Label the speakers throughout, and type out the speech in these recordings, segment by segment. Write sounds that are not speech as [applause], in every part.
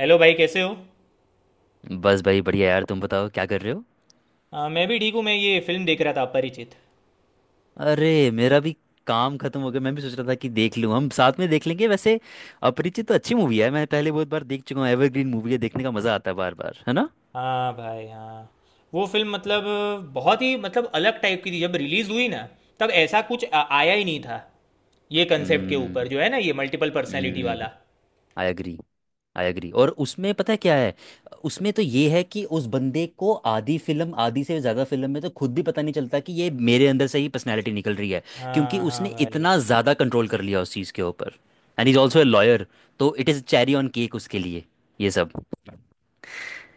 Speaker 1: Hello भाई, कैसे हो।
Speaker 2: बस भाई बढ़िया यार। तुम बताओ क्या कर रहे हो।
Speaker 1: हाँ, मैं भी ठीक हूँ। मैं ये फिल्म देख रहा था, अपरिचित।
Speaker 2: अरे मेरा भी काम खत्म हो गया। मैं भी सोच रहा था कि देख लूं। हम साथ में देख लेंगे वैसे। अपरिचित तो अच्छी मूवी है। मैं पहले बहुत बार देख चुका हूँ। एवरग्रीन मूवी है, देखने का मजा आता है बार बार, है ना।
Speaker 1: हाँ भाई, हाँ। वो फिल्म मतलब बहुत ही मतलब अलग टाइप की थी जब रिलीज़ हुई ना, तब ऐसा कुछ आया ही नहीं था। ये कंसेप्ट के
Speaker 2: हम्म।
Speaker 1: ऊपर जो है ना, ये मल्टीपल पर्सनैलिटी वाला।
Speaker 2: I agree. आई एग्री, और उसमें पता है क्या है? उसमें तो ये है कि उस बंदे को आधी फिल्म, आधी से ज़्यादा फिल्म में तो खुद भी पता नहीं चलता कि ये मेरे अंदर से ही पर्सनैलिटी निकल रही है। क्योंकि
Speaker 1: हाँ हाँ
Speaker 2: उसने
Speaker 1: भाई।
Speaker 2: इतना ज़्यादा कंट्रोल कर लिया उस चीज़ के ऊपर। And is also a lawyer. तो it is cherry on cake उसके लिए ये सब।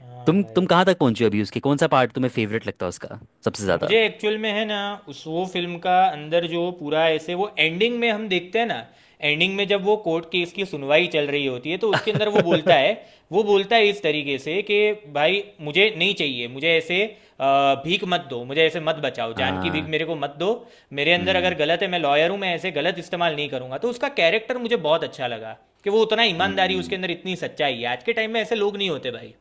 Speaker 1: हाँ
Speaker 2: तुम
Speaker 1: भाई,
Speaker 2: कहाँ तक पहुँचे हो अभी उसके? कौन सा पार्ट तुम्हें फेवरेट लगता है उसका सबसे ज़्यादा?
Speaker 1: मुझे एक्चुअल में है ना, उस वो फिल्म का अंदर जो पूरा ऐसे वो एंडिंग में हम देखते हैं ना, एंडिंग में जब वो कोर्ट केस की सुनवाई चल रही होती है तो उसके अंदर वो बोलता है।
Speaker 2: [laughs]
Speaker 1: वो बोलता है इस तरीके से कि भाई, मुझे नहीं चाहिए, मुझे ऐसे भीख मत दो, मुझे ऐसे मत बचाओ, जान की भीख
Speaker 2: हाँ।
Speaker 1: मेरे को मत दो। मेरे अंदर अगर
Speaker 2: हम्म।
Speaker 1: गलत है, मैं लॉयर हूँ, मैं ऐसे गलत इस्तेमाल नहीं करूंगा। तो उसका कैरेक्टर मुझे बहुत अच्छा लगा कि वो उतना ईमानदारी उसके
Speaker 2: हम्म।
Speaker 1: अंदर, इतनी सच्चाई है। आज के टाइम में ऐसे लोग नहीं होते भाई।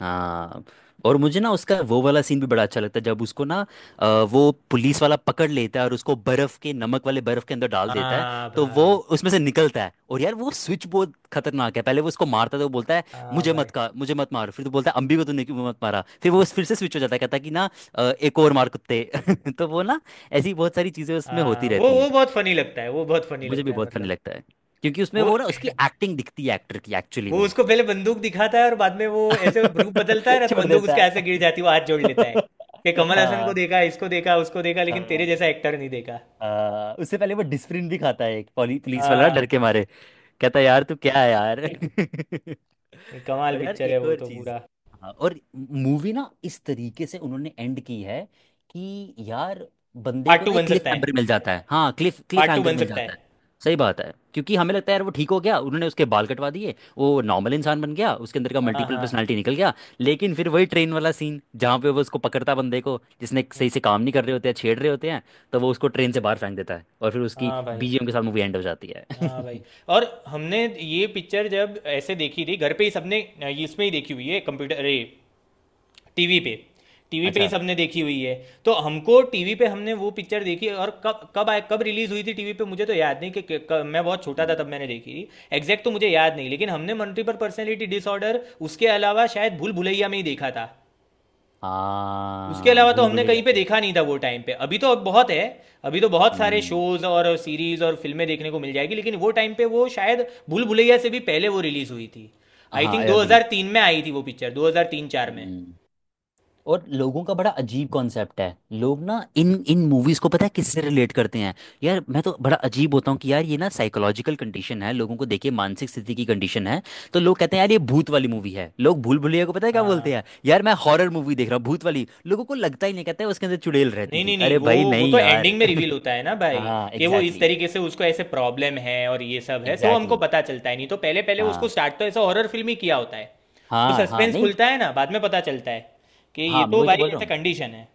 Speaker 2: हाँ। और मुझे ना उसका वो वाला सीन भी बड़ा अच्छा लगता है, जब उसको ना वो पुलिस वाला पकड़ लेता है और उसको बर्फ के, नमक वाले बर्फ के अंदर डाल देता है।
Speaker 1: हाँ
Speaker 2: तो वो
Speaker 1: भाई।
Speaker 2: उसमें से निकलता है, और यार वो स्विच बहुत खतरनाक है। पहले वो उसको मारता है तो वो बोलता है
Speaker 1: हाँ
Speaker 2: मुझे
Speaker 1: भाई।
Speaker 2: मत का, मुझे मत मारो। फिर तो बोलता है अम्बी को तूने क्यों मत मारा। फिर वो फिर से स्विच हो जाता है, कहता है कि ना एक और मार कुत्ते। [laughs] तो वो ना, ऐसी बहुत सारी चीजें उसमें होती
Speaker 1: हाँ, वो
Speaker 2: रहती हैं।
Speaker 1: वो बहुत फनी लगता है, वो बहुत फनी
Speaker 2: मुझे भी
Speaker 1: लगता है
Speaker 2: बहुत फनी
Speaker 1: मतलब।
Speaker 2: लगता है, क्योंकि उसमें
Speaker 1: वो
Speaker 2: वो
Speaker 1: [laughs]
Speaker 2: ना उसकी एक्टिंग दिखती है एक्टर की, एक्चुअली
Speaker 1: वो
Speaker 2: में।
Speaker 1: उसको पहले बंदूक दिखाता है और बाद में वो ऐसे रूप बदलता है
Speaker 2: [laughs]
Speaker 1: ना, तो
Speaker 2: छोड़
Speaker 1: बंदूक
Speaker 2: देता
Speaker 1: उसके हाथ से गिर
Speaker 2: है।
Speaker 1: जाती है, वो हाथ जोड़ लेता है कि
Speaker 2: [laughs]
Speaker 1: कमल हसन को
Speaker 2: हाँ
Speaker 1: देखा, इसको देखा, उसको देखा, लेकिन तेरे
Speaker 2: हाँ।
Speaker 1: जैसा एक्टर नहीं देखा।
Speaker 2: हाँ, उससे पहले वो डिस्प्रिन भी खाता है एक पुलिस
Speaker 1: हाँ
Speaker 2: वाला ना, डर
Speaker 1: हाँ।
Speaker 2: के मारे। कहता यार तू क्या है यार।
Speaker 1: नहीं,
Speaker 2: [laughs]
Speaker 1: कमाल
Speaker 2: और यार
Speaker 1: पिक्चर है
Speaker 2: एक
Speaker 1: वो
Speaker 2: और
Speaker 1: तो
Speaker 2: चीज।
Speaker 1: पूरा।
Speaker 2: हाँ, और मूवी ना इस तरीके से उन्होंने एंड की है कि यार, बंदे
Speaker 1: पार्ट
Speaker 2: को
Speaker 1: टू
Speaker 2: ना एक
Speaker 1: बन
Speaker 2: क्लिफ
Speaker 1: सकता है।
Speaker 2: हैंगर मिल जाता है। हाँ, cliff cliff
Speaker 1: part two
Speaker 2: hanger
Speaker 1: बन
Speaker 2: मिल
Speaker 1: सकता
Speaker 2: जाता है।
Speaker 1: है।
Speaker 2: सही बात है, क्योंकि हमें लगता है यार वो ठीक हो गया, उन्होंने उसके बाल कटवा दिए, वो नॉर्मल इंसान बन गया, उसके अंदर का
Speaker 1: हाँ
Speaker 2: मल्टीपल पर्सनालिटी
Speaker 1: हाँ।
Speaker 2: निकल गया। लेकिन फिर वही ट्रेन वाला सीन, जहाँ पे वो उसको पकड़ता है, बंदे को जिसने सही से काम नहीं कर रहे होते हैं, छेड़ रहे होते हैं। तो वो उसको ट्रेन से बाहर फेंक देता है और फिर उसकी
Speaker 1: हाँ भाई।
Speaker 2: BGM के साथ मूवी एंड हो जाती है।
Speaker 1: हाँ भाई,
Speaker 2: [laughs]
Speaker 1: और हमने ये पिक्चर जब ऐसे देखी थी घर पे ही सबने इसमें ही देखी हुई है, कंप्यूटर, अरे टीवी पे, टीवी पे ही
Speaker 2: अच्छा।
Speaker 1: सबने देखी हुई है। तो हमको टीवी पे हमने वो पिक्चर देखी। और कब कब आए, कब रिलीज हुई थी टीवी पे मुझे तो याद नहीं मैं बहुत छोटा था तब
Speaker 2: हम्म।
Speaker 1: मैंने देखी थी। एग्जैक्ट तो मुझे याद नहीं, लेकिन हमने मल्टीपल पर्सनैलिटी डिसऑर्डर उसके अलावा शायद भूल भुलैया में ही देखा था। उसके
Speaker 2: हाँ,
Speaker 1: अलावा तो
Speaker 2: भूल
Speaker 1: हमने कहीं
Speaker 2: भुलैया
Speaker 1: पे
Speaker 2: तो।
Speaker 1: देखा नहीं था वो टाइम पे। अभी तो अब बहुत है, अभी तो बहुत सारे
Speaker 2: हम्म।
Speaker 1: शोज और सीरीज और फिल्में देखने को मिल जाएगी, लेकिन वो टाइम पे वो शायद भूल भुलैया से भी पहले वो रिलीज हुई थी। आई
Speaker 2: हाँ,
Speaker 1: थिंक
Speaker 2: आई अग्री।
Speaker 1: 2003 में आई थी वो पिक्चर, 2003-4 में।
Speaker 2: हम्म। और लोगों का बड़ा अजीब कॉन्सेप्ट है। लोग ना इन इन मूवीज को पता है किससे रिलेट करते हैं? यार मैं तो बड़ा अजीब होता हूँ कि यार ये ना साइकोलॉजिकल कंडीशन है, लोगों को देखिए, मानसिक स्थिति की कंडीशन है। तो लोग कहते हैं यार ये भूत वाली मूवी है। लोग भूल भुलैया को पता है क्या बोलते
Speaker 1: हाँ,
Speaker 2: हैं? यार मैं हॉरर मूवी देख रहा हूँ, भूत वाली। लोगों को लगता ही नहीं, कहते हैं उसके अंदर चुड़ैल रहती
Speaker 1: नहीं
Speaker 2: थी।
Speaker 1: नहीं नहीं,
Speaker 2: अरे
Speaker 1: वो
Speaker 2: भाई
Speaker 1: वो
Speaker 2: नहीं
Speaker 1: तो
Speaker 2: यार।
Speaker 1: एंडिंग में रिवील होता है ना
Speaker 2: [laughs]
Speaker 1: भाई
Speaker 2: हाँ
Speaker 1: कि वो इस
Speaker 2: एग्जैक्टली,
Speaker 1: तरीके से उसको ऐसे प्रॉब्लम है और ये सब है, तो हमको
Speaker 2: एग्जैक्टली।
Speaker 1: पता चलता है। नहीं तो पहले पहले उसको
Speaker 2: हाँ
Speaker 1: स्टार्ट तो ऐसा हॉरर फिल्म ही किया होता है। वो
Speaker 2: हाँ हाँ,
Speaker 1: सस्पेंस
Speaker 2: नहीं।
Speaker 1: खुलता है ना, बाद में पता चलता है कि ये
Speaker 2: हाँ मैं
Speaker 1: तो
Speaker 2: वही तो
Speaker 1: भाई
Speaker 2: बोल रहा
Speaker 1: ऐसे
Speaker 2: हूँ।
Speaker 1: कंडीशन है।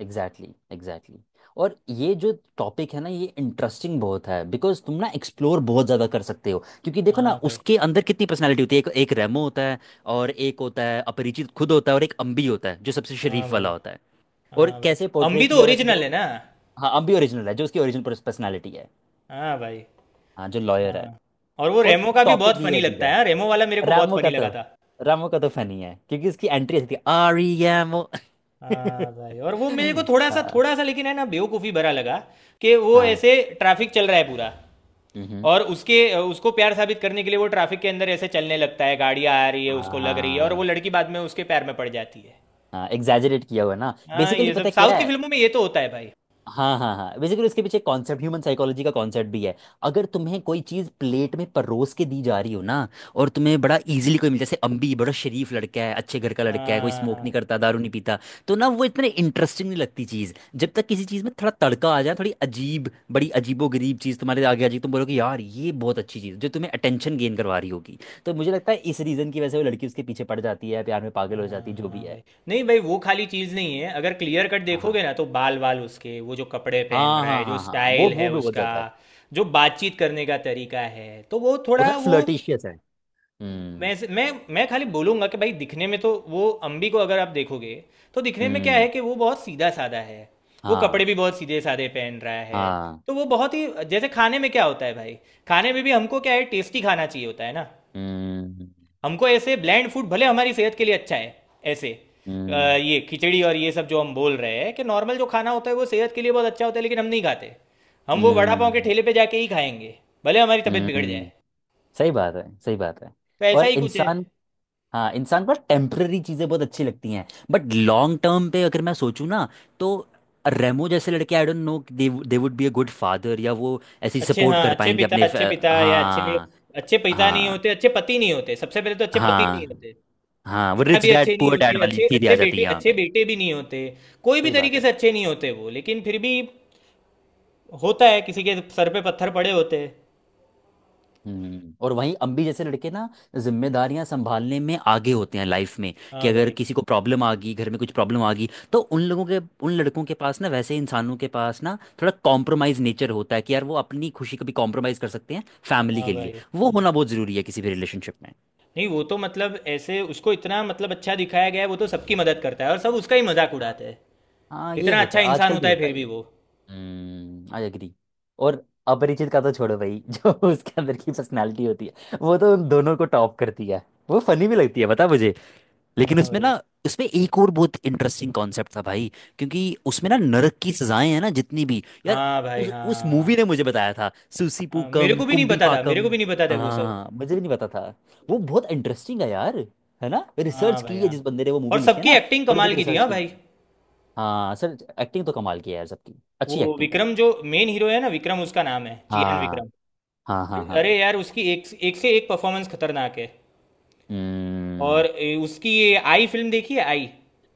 Speaker 2: Exactly exactly. और ये जो टॉपिक है ना, ये इंटरेस्टिंग बहुत है बिकॉज तुम ना एक्सप्लोर बहुत ज़्यादा कर सकते हो। क्योंकि देखो ना
Speaker 1: हाँ भाई।
Speaker 2: उसके अंदर कितनी पर्सनैलिटी होती है। एक एक रेमो होता है, और एक होता है अपरिचित खुद होता है, और एक अम्बी होता है जो सबसे
Speaker 1: हाँ
Speaker 2: शरीफ वाला
Speaker 1: भाई।
Speaker 2: होता है। और
Speaker 1: हाँ भाई,
Speaker 2: कैसे
Speaker 1: हम
Speaker 2: पोर्ट्रे
Speaker 1: भी तो
Speaker 2: किया हुआ है कि
Speaker 1: ओरिजिनल
Speaker 2: जो।
Speaker 1: है ना।
Speaker 2: हाँ अम्बी ओरिजिनल है, जो उसकी ओरिजिनल पर्सनैलिटी है।
Speaker 1: हाँ भाई।
Speaker 2: हाँ, जो लॉयर है।
Speaker 1: हाँ, और वो
Speaker 2: और
Speaker 1: रेमो का भी
Speaker 2: टॉपिक
Speaker 1: बहुत
Speaker 2: भी
Speaker 1: फनी
Speaker 2: अजीब
Speaker 1: लगता है।
Speaker 2: है।
Speaker 1: हाँ, रेमो वाला मेरे को बहुत
Speaker 2: रामो का
Speaker 1: फनी लगा
Speaker 2: तो
Speaker 1: था।
Speaker 2: रामो का तो फनी है, क्योंकि उसकी एंट्री ऐसी थी, REMO।
Speaker 1: हाँ भाई, और वो मेरे को
Speaker 2: [laughs] हाँ
Speaker 1: थोड़ा सा लेकिन है ना, बेवकूफ़ी भरा लगा कि वो
Speaker 2: हाँ।
Speaker 1: ऐसे ट्रैफिक चल रहा है पूरा,
Speaker 2: हम्म, हम्म।
Speaker 1: और उसके उसको प्यार साबित करने के लिए वो ट्रैफिक के अंदर ऐसे चलने लगता है, गाड़ियाँ आ रही है, उसको लग रही है, और वो
Speaker 2: हाँ
Speaker 1: लड़की बाद में उसके पैर में पड़ जाती है।
Speaker 2: हाँ एग्जैजरेट किया हुआ है ना,
Speaker 1: हाँ,
Speaker 2: बेसिकली
Speaker 1: ये
Speaker 2: पता
Speaker 1: सब
Speaker 2: है
Speaker 1: साउथ
Speaker 2: क्या
Speaker 1: की
Speaker 2: है?
Speaker 1: फिल्मों में ये तो होता है भाई।
Speaker 2: हाँ हाँ हाँ, बेसिकली उसके पीछे कॉन्सेप्ट, ह्यूमन साइकोलॉजी का कॉन्सेप्ट भी है। अगर तुम्हें कोई चीज़ प्लेट में परोस के दी जा रही हो ना, और तुम्हें बड़ा इजीली कोई मिल, जैसे अम्बी बड़ा शरीफ लड़का है, अच्छे घर का लड़का है, कोई
Speaker 1: हाँ
Speaker 2: स्मोक नहीं
Speaker 1: हाँ
Speaker 2: करता, दारू नहीं पीता। तो ना वो इतने इंटरेस्टिंग नहीं लगती चीज़, जब तक किसी चीज़ में थोड़ा तड़का आ जाए, थोड़ी अजीब, बड़ी अजीबो गरीब चीज़ तुम्हारे आगे आ जाएगी, तुम बोलोगे यार ये बहुत अच्छी चीज़ है", जो तुम्हें अटेंशन गेन करवा रही होगी। तो मुझे लगता है इस रीज़न की वजह से वो लड़की उसके पीछे पड़ जाती है, प्यार में पागल हो जाती है,
Speaker 1: हाँ।
Speaker 2: जो भी
Speaker 1: हाँ
Speaker 2: है।
Speaker 1: भाई, नहीं भाई, वो खाली चीज़ नहीं है। अगर क्लियर कट
Speaker 2: हाँ हाँ
Speaker 1: देखोगे ना, तो बाल वाल उसके, वो जो कपड़े पहन
Speaker 2: हाँ
Speaker 1: रहा
Speaker 2: हाँ
Speaker 1: है, जो
Speaker 2: हाँ। हाँ, वो
Speaker 1: स्टाइल
Speaker 2: वो
Speaker 1: है
Speaker 2: भी बहुत
Speaker 1: उसका,
Speaker 2: ज्यादा है।
Speaker 1: जो बातचीत करने का तरीका है, तो वो
Speaker 2: वो
Speaker 1: थोड़ा
Speaker 2: थोड़ा
Speaker 1: वो
Speaker 2: फ्लर्टिशियस है।
Speaker 1: मैं
Speaker 2: हम्म।
Speaker 1: मैं मैं खाली बोलूँगा कि भाई, दिखने में तो वो अम्बी को अगर आप देखोगे, तो दिखने में क्या है
Speaker 2: हम्म।
Speaker 1: कि वो बहुत सीधा साधा है, वो कपड़े
Speaker 2: हाँ
Speaker 1: भी बहुत सीधे साधे पहन रहा है।
Speaker 2: हाँ।
Speaker 1: तो वो बहुत ही, जैसे खाने में क्या होता है भाई, खाने में भी हमको क्या है, टेस्टी खाना चाहिए होता है ना।
Speaker 2: हम्म।
Speaker 1: हमको ऐसे ब्लैंड फूड भले हमारी सेहत के लिए अच्छा है, ऐसे अ,
Speaker 2: हम्म।
Speaker 1: ये खिचड़ी और ये सब जो हम बोल रहे हैं कि नॉर्मल जो खाना होता है वो सेहत के लिए बहुत अच्छा होता है, लेकिन हम नहीं खाते। हम वो वड़ा पाव के
Speaker 2: हम्म।
Speaker 1: ठेले पे जाके ही खाएंगे भले हमारी तबीयत बिगड़ जाए।
Speaker 2: हम्म। सही बात है, सही बात है।
Speaker 1: तो ऐसा
Speaker 2: और
Speaker 1: ही कुछ है।
Speaker 2: इंसान, हाँ, इंसान पर टेम्पररी चीज़ें बहुत अच्छी लगती हैं। बट लॉन्ग टर्म पे अगर मैं सोचूं ना, तो रेमो जैसे लड़के, I don't know, they they would be a good father, या वो ऐसी
Speaker 1: अच्छे,
Speaker 2: सपोर्ट
Speaker 1: हाँ,
Speaker 2: कर
Speaker 1: अच्छे
Speaker 2: पाएंगे
Speaker 1: पिता,
Speaker 2: अपने फ-।
Speaker 1: अच्छे पिता या अच्छे,
Speaker 2: हाँ
Speaker 1: अच्छे पिता नहीं
Speaker 2: हाँ
Speaker 1: होते, अच्छे पति नहीं होते, सबसे पहले तो अच्छे पति नहीं
Speaker 2: हाँ
Speaker 1: होते,
Speaker 2: हाँ। वो
Speaker 1: पिता
Speaker 2: रिच
Speaker 1: भी
Speaker 2: डैड
Speaker 1: अच्छे नहीं
Speaker 2: पुअर डैड
Speaker 1: होते,
Speaker 2: वाली
Speaker 1: अच्छे
Speaker 2: थीरी आ
Speaker 1: अच्छे
Speaker 2: जाती है
Speaker 1: बेटे,
Speaker 2: यहाँ
Speaker 1: अच्छे
Speaker 2: पे।
Speaker 1: बेटे भी नहीं होते। कोई भी
Speaker 2: सही बात
Speaker 1: तरीके
Speaker 2: है।
Speaker 1: से अच्छे नहीं होते वो, लेकिन फिर भी होता है, किसी के सर पे पत्थर पड़े होते हैं।
Speaker 2: हम्म। और वहीं अम्बी जैसे लड़के ना जिम्मेदारियां संभालने में आगे होते हैं लाइफ में। कि
Speaker 1: हाँ
Speaker 2: अगर
Speaker 1: भाई।
Speaker 2: किसी को प्रॉब्लम आ गई, घर में कुछ प्रॉब्लम आ गई, तो उन लोगों के, उन लड़कों के पास ना, वैसे इंसानों के पास ना, थोड़ा कॉम्प्रोमाइज नेचर होता है, कि यार वो अपनी खुशी को भी कॉम्प्रोमाइज कर सकते हैं। फैमिली
Speaker 1: हाँ
Speaker 2: के लिए
Speaker 1: भाई।
Speaker 2: वो
Speaker 1: हाँ।
Speaker 2: होना बहुत जरूरी है, किसी भी रिलेशनशिप में।
Speaker 1: नहीं, वो तो मतलब ऐसे उसको इतना मतलब अच्छा दिखाया गया है, वो तो सबकी मदद करता है और सब उसका ही मजाक
Speaker 2: हाँ।
Speaker 1: उड़ाते हैं।
Speaker 2: हाँ ये
Speaker 1: इतना
Speaker 2: होता
Speaker 1: अच्छा
Speaker 2: है,
Speaker 1: इंसान
Speaker 2: आजकल भी
Speaker 1: होता है
Speaker 2: होता
Speaker 1: फिर
Speaker 2: है
Speaker 1: भी
Speaker 2: ये।
Speaker 1: वो।
Speaker 2: हम्म, आई एग्री। और अपरिचित का तो छोड़ो भाई, [laughs] जो उसके अंदर की पर्सनालिटी होती है वो तो उन दोनों को टॉप करती है। वो फनी भी लगती है, बता मुझे। लेकिन
Speaker 1: हाँ
Speaker 2: उसमें
Speaker 1: भाई।
Speaker 2: ना, उसमें एक और बहुत इंटरेस्टिंग कॉन्सेप्ट था भाई। क्योंकि उसमें ना नरक की सजाएं हैं ना जितनी भी यार,
Speaker 1: हाँ भाई।
Speaker 2: उस
Speaker 1: हाँ
Speaker 2: मूवी ने मुझे बताया था,
Speaker 1: हाँ, मेरे
Speaker 2: सुसीपुकम
Speaker 1: को भी नहीं
Speaker 2: कुंभी
Speaker 1: पता था, मेरे
Speaker 2: पाकम।
Speaker 1: को भी नहीं पता था वो सब।
Speaker 2: हाँ मुझे भी नहीं पता था। वो बहुत इंटरेस्टिंग है यार, है ना,
Speaker 1: हाँ
Speaker 2: रिसर्च
Speaker 1: भाई।
Speaker 2: की है
Speaker 1: हाँ,
Speaker 2: जिस बंदे ने वो
Speaker 1: और
Speaker 2: मूवी लिखी है
Speaker 1: सबकी
Speaker 2: ना।
Speaker 1: एक्टिंग
Speaker 2: थोड़ी
Speaker 1: कमाल
Speaker 2: बहुत
Speaker 1: की थी।
Speaker 2: रिसर्च
Speaker 1: हाँ
Speaker 2: की है।
Speaker 1: भाई,
Speaker 2: हाँ सर, एक्टिंग तो कमाल की है यार सबकी। अच्छी
Speaker 1: वो
Speaker 2: एक्टिंग है।
Speaker 1: विक्रम जो मेन हीरो है ना विक्रम, उसका नाम है चियान
Speaker 2: हाँ
Speaker 1: विक्रम।
Speaker 2: हाँ हाँ
Speaker 1: अरे
Speaker 2: हाँ।
Speaker 1: यार, उसकी एक एक से एक परफॉर्मेंस खतरनाक है।
Speaker 2: हम्म।
Speaker 1: और उसकी ये आई फिल्म देखी है, आई।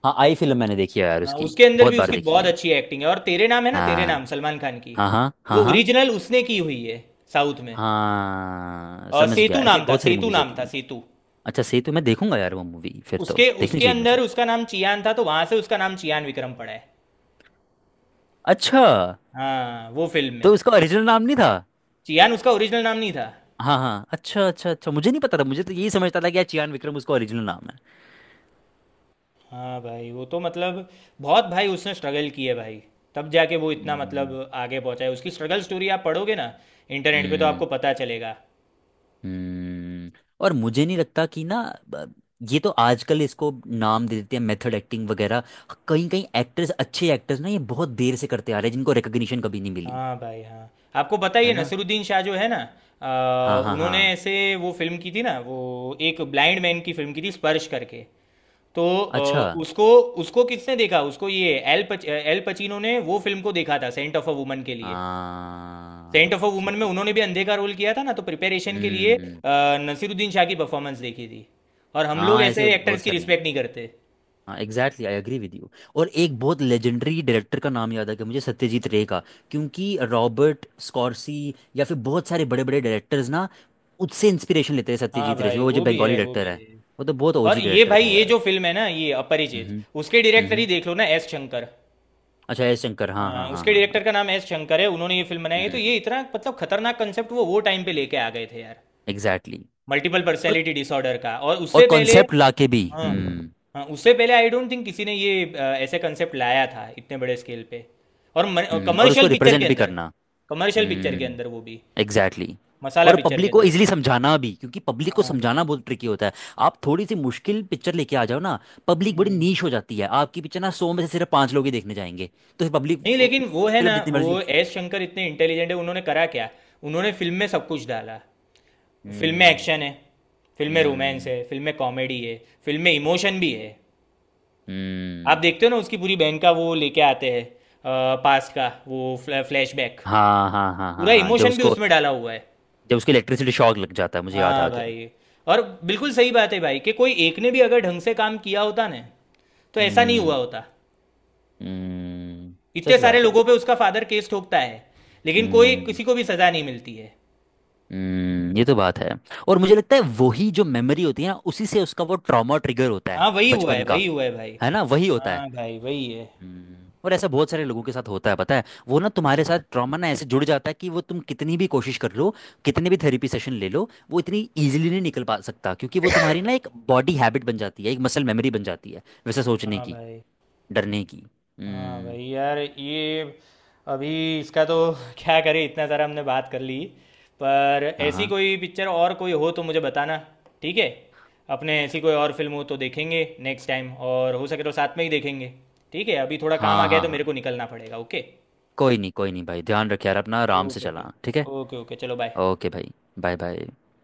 Speaker 2: हाँ, आई फिल्म मैंने देखी है यार,
Speaker 1: हाँ,
Speaker 2: उसकी
Speaker 1: उसके अंदर
Speaker 2: बहुत
Speaker 1: भी
Speaker 2: बार
Speaker 1: उसकी
Speaker 2: देखी
Speaker 1: बहुत
Speaker 2: है।
Speaker 1: अच्छी एक्टिंग है। और तेरे नाम है ना, तेरे
Speaker 2: हाँ
Speaker 1: नाम सलमान खान की,
Speaker 2: हाँ हाँ हाँ
Speaker 1: वो
Speaker 2: हाँ
Speaker 1: ओरिजिनल उसने की हुई है साउथ में।
Speaker 2: हाँ। समझ गया,
Speaker 1: सेतु
Speaker 2: ऐसी
Speaker 1: नाम था,
Speaker 2: बहुत सारी
Speaker 1: सेतु
Speaker 2: मूवीज
Speaker 1: नाम
Speaker 2: होती
Speaker 1: था,
Speaker 2: हैं।
Speaker 1: सेतु।
Speaker 2: अच्छा सही, तो मैं देखूंगा यार, वो मूवी फिर तो
Speaker 1: उसके
Speaker 2: देखनी
Speaker 1: उसके
Speaker 2: चाहिए
Speaker 1: अंदर
Speaker 2: मुझे।
Speaker 1: उसका नाम चियान था, तो वहां से उसका नाम चियान विक्रम पड़ा है।
Speaker 2: अच्छा,
Speaker 1: हाँ, वो फिल्म
Speaker 2: तो
Speaker 1: में
Speaker 2: उसका ओरिजिनल नाम नहीं था?
Speaker 1: चियान। उसका ओरिजिनल नाम नहीं था।
Speaker 2: हाँ हाँ, अच्छा अच्छा अच्छा, मुझे नहीं पता था, मुझे तो यही समझता था कि यार चियान विक्रम उसका ओरिजिनल नाम है।
Speaker 1: हाँ भाई, वो तो मतलब बहुत, भाई उसने स्ट्रगल की है भाई। तब जाके वो इतना मतलब
Speaker 2: हम्म।
Speaker 1: आगे पहुंचा है। उसकी स्ट्रगल स्टोरी आप पढ़ोगे ना इंटरनेट पे, तो
Speaker 2: हम्म।
Speaker 1: आपको पता चलेगा।
Speaker 2: हम्म। और मुझे नहीं लगता कि ना ब- ये तो आजकल इसको नाम दे देते हैं, मेथड एक्टिंग वगैरह। कहीं कहीं एक्टर्स, अच्छे एक्टर्स ना, ये बहुत देर से करते आ रहे हैं जिनको रिकग्निशन कभी नहीं मिली।
Speaker 1: हाँ भाई। हाँ, आपको पता ही
Speaker 2: है
Speaker 1: है
Speaker 2: ना।
Speaker 1: नसीरुद्दीन शाह जो है ना,
Speaker 2: हाँ हाँ
Speaker 1: उन्होंने
Speaker 2: हाँ।
Speaker 1: ऐसे वो फिल्म की थी ना, वो एक ब्लाइंड मैन की फिल्म की थी, स्पर्श करके। तो
Speaker 2: अच्छा।
Speaker 1: उसको, उसको किसने देखा, उसको ये एल पचीनो ने वो फिल्म को देखा था सेंट ऑफ अ वुमन के लिए। सेंट
Speaker 2: हाँ
Speaker 1: ऑफ अ वुमन
Speaker 2: समझ
Speaker 1: में
Speaker 2: गया।
Speaker 1: उन्होंने भी अंधे का रोल किया था ना, तो प्रिपरेशन के लिए
Speaker 2: हम्म।
Speaker 1: नसीरुद्दीन शाह की परफॉर्मेंस देखी थी। और हम लोग
Speaker 2: हाँ ऐसे
Speaker 1: ऐसे एक्टर्स
Speaker 2: बहुत
Speaker 1: की
Speaker 2: सारे हैं।
Speaker 1: रिस्पेक्ट नहीं करते।
Speaker 2: हाँ exactly, I agree with you. और एक बहुत लेजेंडरी डायरेक्टर का नाम याद आ गया मुझे, सत्यजीत रे का। क्योंकि रॉबर्ट स्कॉर्सी, या फिर बहुत सारे बड़े बड़े डायरेक्टर्स ना, उससे इंस्पिरेशन लेते हैं,
Speaker 1: हाँ
Speaker 2: सत्यजीत रे से,
Speaker 1: भाई,
Speaker 2: वो जो
Speaker 1: वो भी
Speaker 2: बंगाली
Speaker 1: है, वो
Speaker 2: डायरेक्टर
Speaker 1: भी
Speaker 2: है।
Speaker 1: है।
Speaker 2: वो तो बहुत
Speaker 1: और
Speaker 2: ओजी
Speaker 1: ये
Speaker 2: डायरेक्टर
Speaker 1: भाई,
Speaker 2: था
Speaker 1: ये
Speaker 2: यार।
Speaker 1: जो फिल्म है ना, ये अपरिचित,
Speaker 2: हम्म।
Speaker 1: उसके डायरेक्टर ही
Speaker 2: हम्म।
Speaker 1: देख लो ना, एस शंकर।
Speaker 2: अच्छा, S शंकर, हाँ हाँ
Speaker 1: हाँ,
Speaker 2: हाँ
Speaker 1: उसके
Speaker 2: हाँ हाँ।
Speaker 1: डायरेक्टर का नाम एस शंकर है। उन्होंने ये फिल्म बनाई है, तो
Speaker 2: हम्म।
Speaker 1: ये इतना मतलब खतरनाक कंसेप्ट वो टाइम पे लेके आ गए थे यार,
Speaker 2: एग्जैक्टली।
Speaker 1: मल्टीपल
Speaker 2: और
Speaker 1: पर्सनैलिटी डिसऑर्डर का। और
Speaker 2: और
Speaker 1: उससे पहले,
Speaker 2: कॉन्सेप्ट लाके भी।
Speaker 1: हाँ,
Speaker 2: हम्म।
Speaker 1: हाँ, उससे पहले आई डोंट थिंक किसी ने ये ऐसे कंसेप्ट लाया था इतने बड़े स्केल पे, और
Speaker 2: हम्म। और उसको
Speaker 1: कमर्शियल पिक्चर
Speaker 2: रिप्रेजेंट
Speaker 1: के
Speaker 2: भी
Speaker 1: अंदर,
Speaker 2: करना।
Speaker 1: कमर्शियल पिक्चर के
Speaker 2: हम्म।
Speaker 1: अंदर वो भी
Speaker 2: एग्जैक्टली exactly।
Speaker 1: मसाला
Speaker 2: और
Speaker 1: पिक्चर के
Speaker 2: पब्लिक को
Speaker 1: अंदर।
Speaker 2: इजीली समझाना भी, क्योंकि पब्लिक को
Speaker 1: हाँ भाई।
Speaker 2: समझाना बहुत ट्रिकी होता है। आप थोड़ी सी मुश्किल पिक्चर लेके आ जाओ ना, पब्लिक बड़ी
Speaker 1: हम्म,
Speaker 2: नीश हो जाती है, आपकी पिक्चर ना 100 में से सिर्फ पांच लोग ही देखने जाएंगे। तो फिर पब्लिक,
Speaker 1: नहीं लेकिन वो है ना,
Speaker 2: फिल्म जितनी
Speaker 1: वो
Speaker 2: मर्जी अच्छी हो।
Speaker 1: एस शंकर इतने इंटेलिजेंट है, उन्होंने करा क्या, उन्होंने फिल्म में सब कुछ डाला। फिल्म में एक्शन
Speaker 2: हम्म।
Speaker 1: है, फिल्म में रोमांस
Speaker 2: हम्म।
Speaker 1: है, फिल्म में कॉमेडी है, फिल्म में इमोशन भी है। आप
Speaker 2: हम्म।
Speaker 1: देखते हो ना, उसकी पूरी बहन का वो लेके आते हैं, पास्ट का वो फ्लैशबैक,
Speaker 2: हाँ हाँ हाँ
Speaker 1: पूरा
Speaker 2: हाँ हाँ, जब
Speaker 1: इमोशन भी
Speaker 2: उसको,
Speaker 1: उसमें डाला हुआ है।
Speaker 2: जब उसको इलेक्ट्रिसिटी शॉक लग जाता है, मुझे याद आ
Speaker 1: हाँ
Speaker 2: गया।
Speaker 1: भाई। और बिल्कुल सही बात है भाई कि कोई एक ने भी अगर ढंग से काम किया होता ना, तो ऐसा नहीं
Speaker 2: हम्म।
Speaker 1: हुआ होता।
Speaker 2: हम्म।
Speaker 1: इतने
Speaker 2: सच
Speaker 1: सारे
Speaker 2: बात है।
Speaker 1: लोगों पे उसका फादर केस ठोकता है, लेकिन कोई
Speaker 2: हम्म।
Speaker 1: किसी को भी सजा नहीं मिलती है।
Speaker 2: हम्म। ये तो बात है। और मुझे लगता है वही जो मेमोरी होती है ना, उसी से उसका वो ट्रॉमा ट्रिगर होता है,
Speaker 1: हाँ, वही हुआ
Speaker 2: बचपन
Speaker 1: है,
Speaker 2: का।
Speaker 1: वही हुआ है भाई।
Speaker 2: है ना, वही होता है।
Speaker 1: हाँ भाई, वही है।
Speaker 2: हम्म। और ऐसा बहुत सारे लोगों के साथ होता है, पता है वो ना
Speaker 1: हाँ
Speaker 2: तुम्हारे साथ
Speaker 1: भाई।
Speaker 2: ट्रॉमा ना ऐसे जुड़ जाता है कि वो, तुम कितनी भी कोशिश कर लो, कितने भी थेरेपी सेशन ले लो, वो इतनी इजीली नहीं निकल पा सकता, क्योंकि वो तुम्हारी ना एक बॉडी हैबिट बन जाती है, एक मसल मेमोरी बन जाती है, वैसे सोचने
Speaker 1: हाँ
Speaker 2: की,
Speaker 1: भाई।
Speaker 2: डरने की।
Speaker 1: हाँ
Speaker 2: हम्म।
Speaker 1: भाई यार, ये अभी इसका तो [laughs] क्या करें, इतना सारा हमने बात कर ली। पर
Speaker 2: हाँ
Speaker 1: ऐसी
Speaker 2: हाँ
Speaker 1: कोई पिक्चर और कोई हो तो मुझे बताना, ठीक है। अपने ऐसी कोई और फिल्म हो तो देखेंगे नेक्स्ट टाइम, और हो सके तो साथ में ही देखेंगे। ठीक है, अभी थोड़ा काम आ
Speaker 2: हाँ
Speaker 1: गया है
Speaker 2: हाँ
Speaker 1: तो मेरे
Speaker 2: हाँ।
Speaker 1: को निकलना पड़ेगा। ओके।
Speaker 2: कोई नहीं भाई, ध्यान रख यार अपना, आराम से
Speaker 1: ओके ओके।
Speaker 2: चला, ठीक है।
Speaker 1: ओके ओके, चलो बाय।
Speaker 2: ओके भाई, बाय बाय।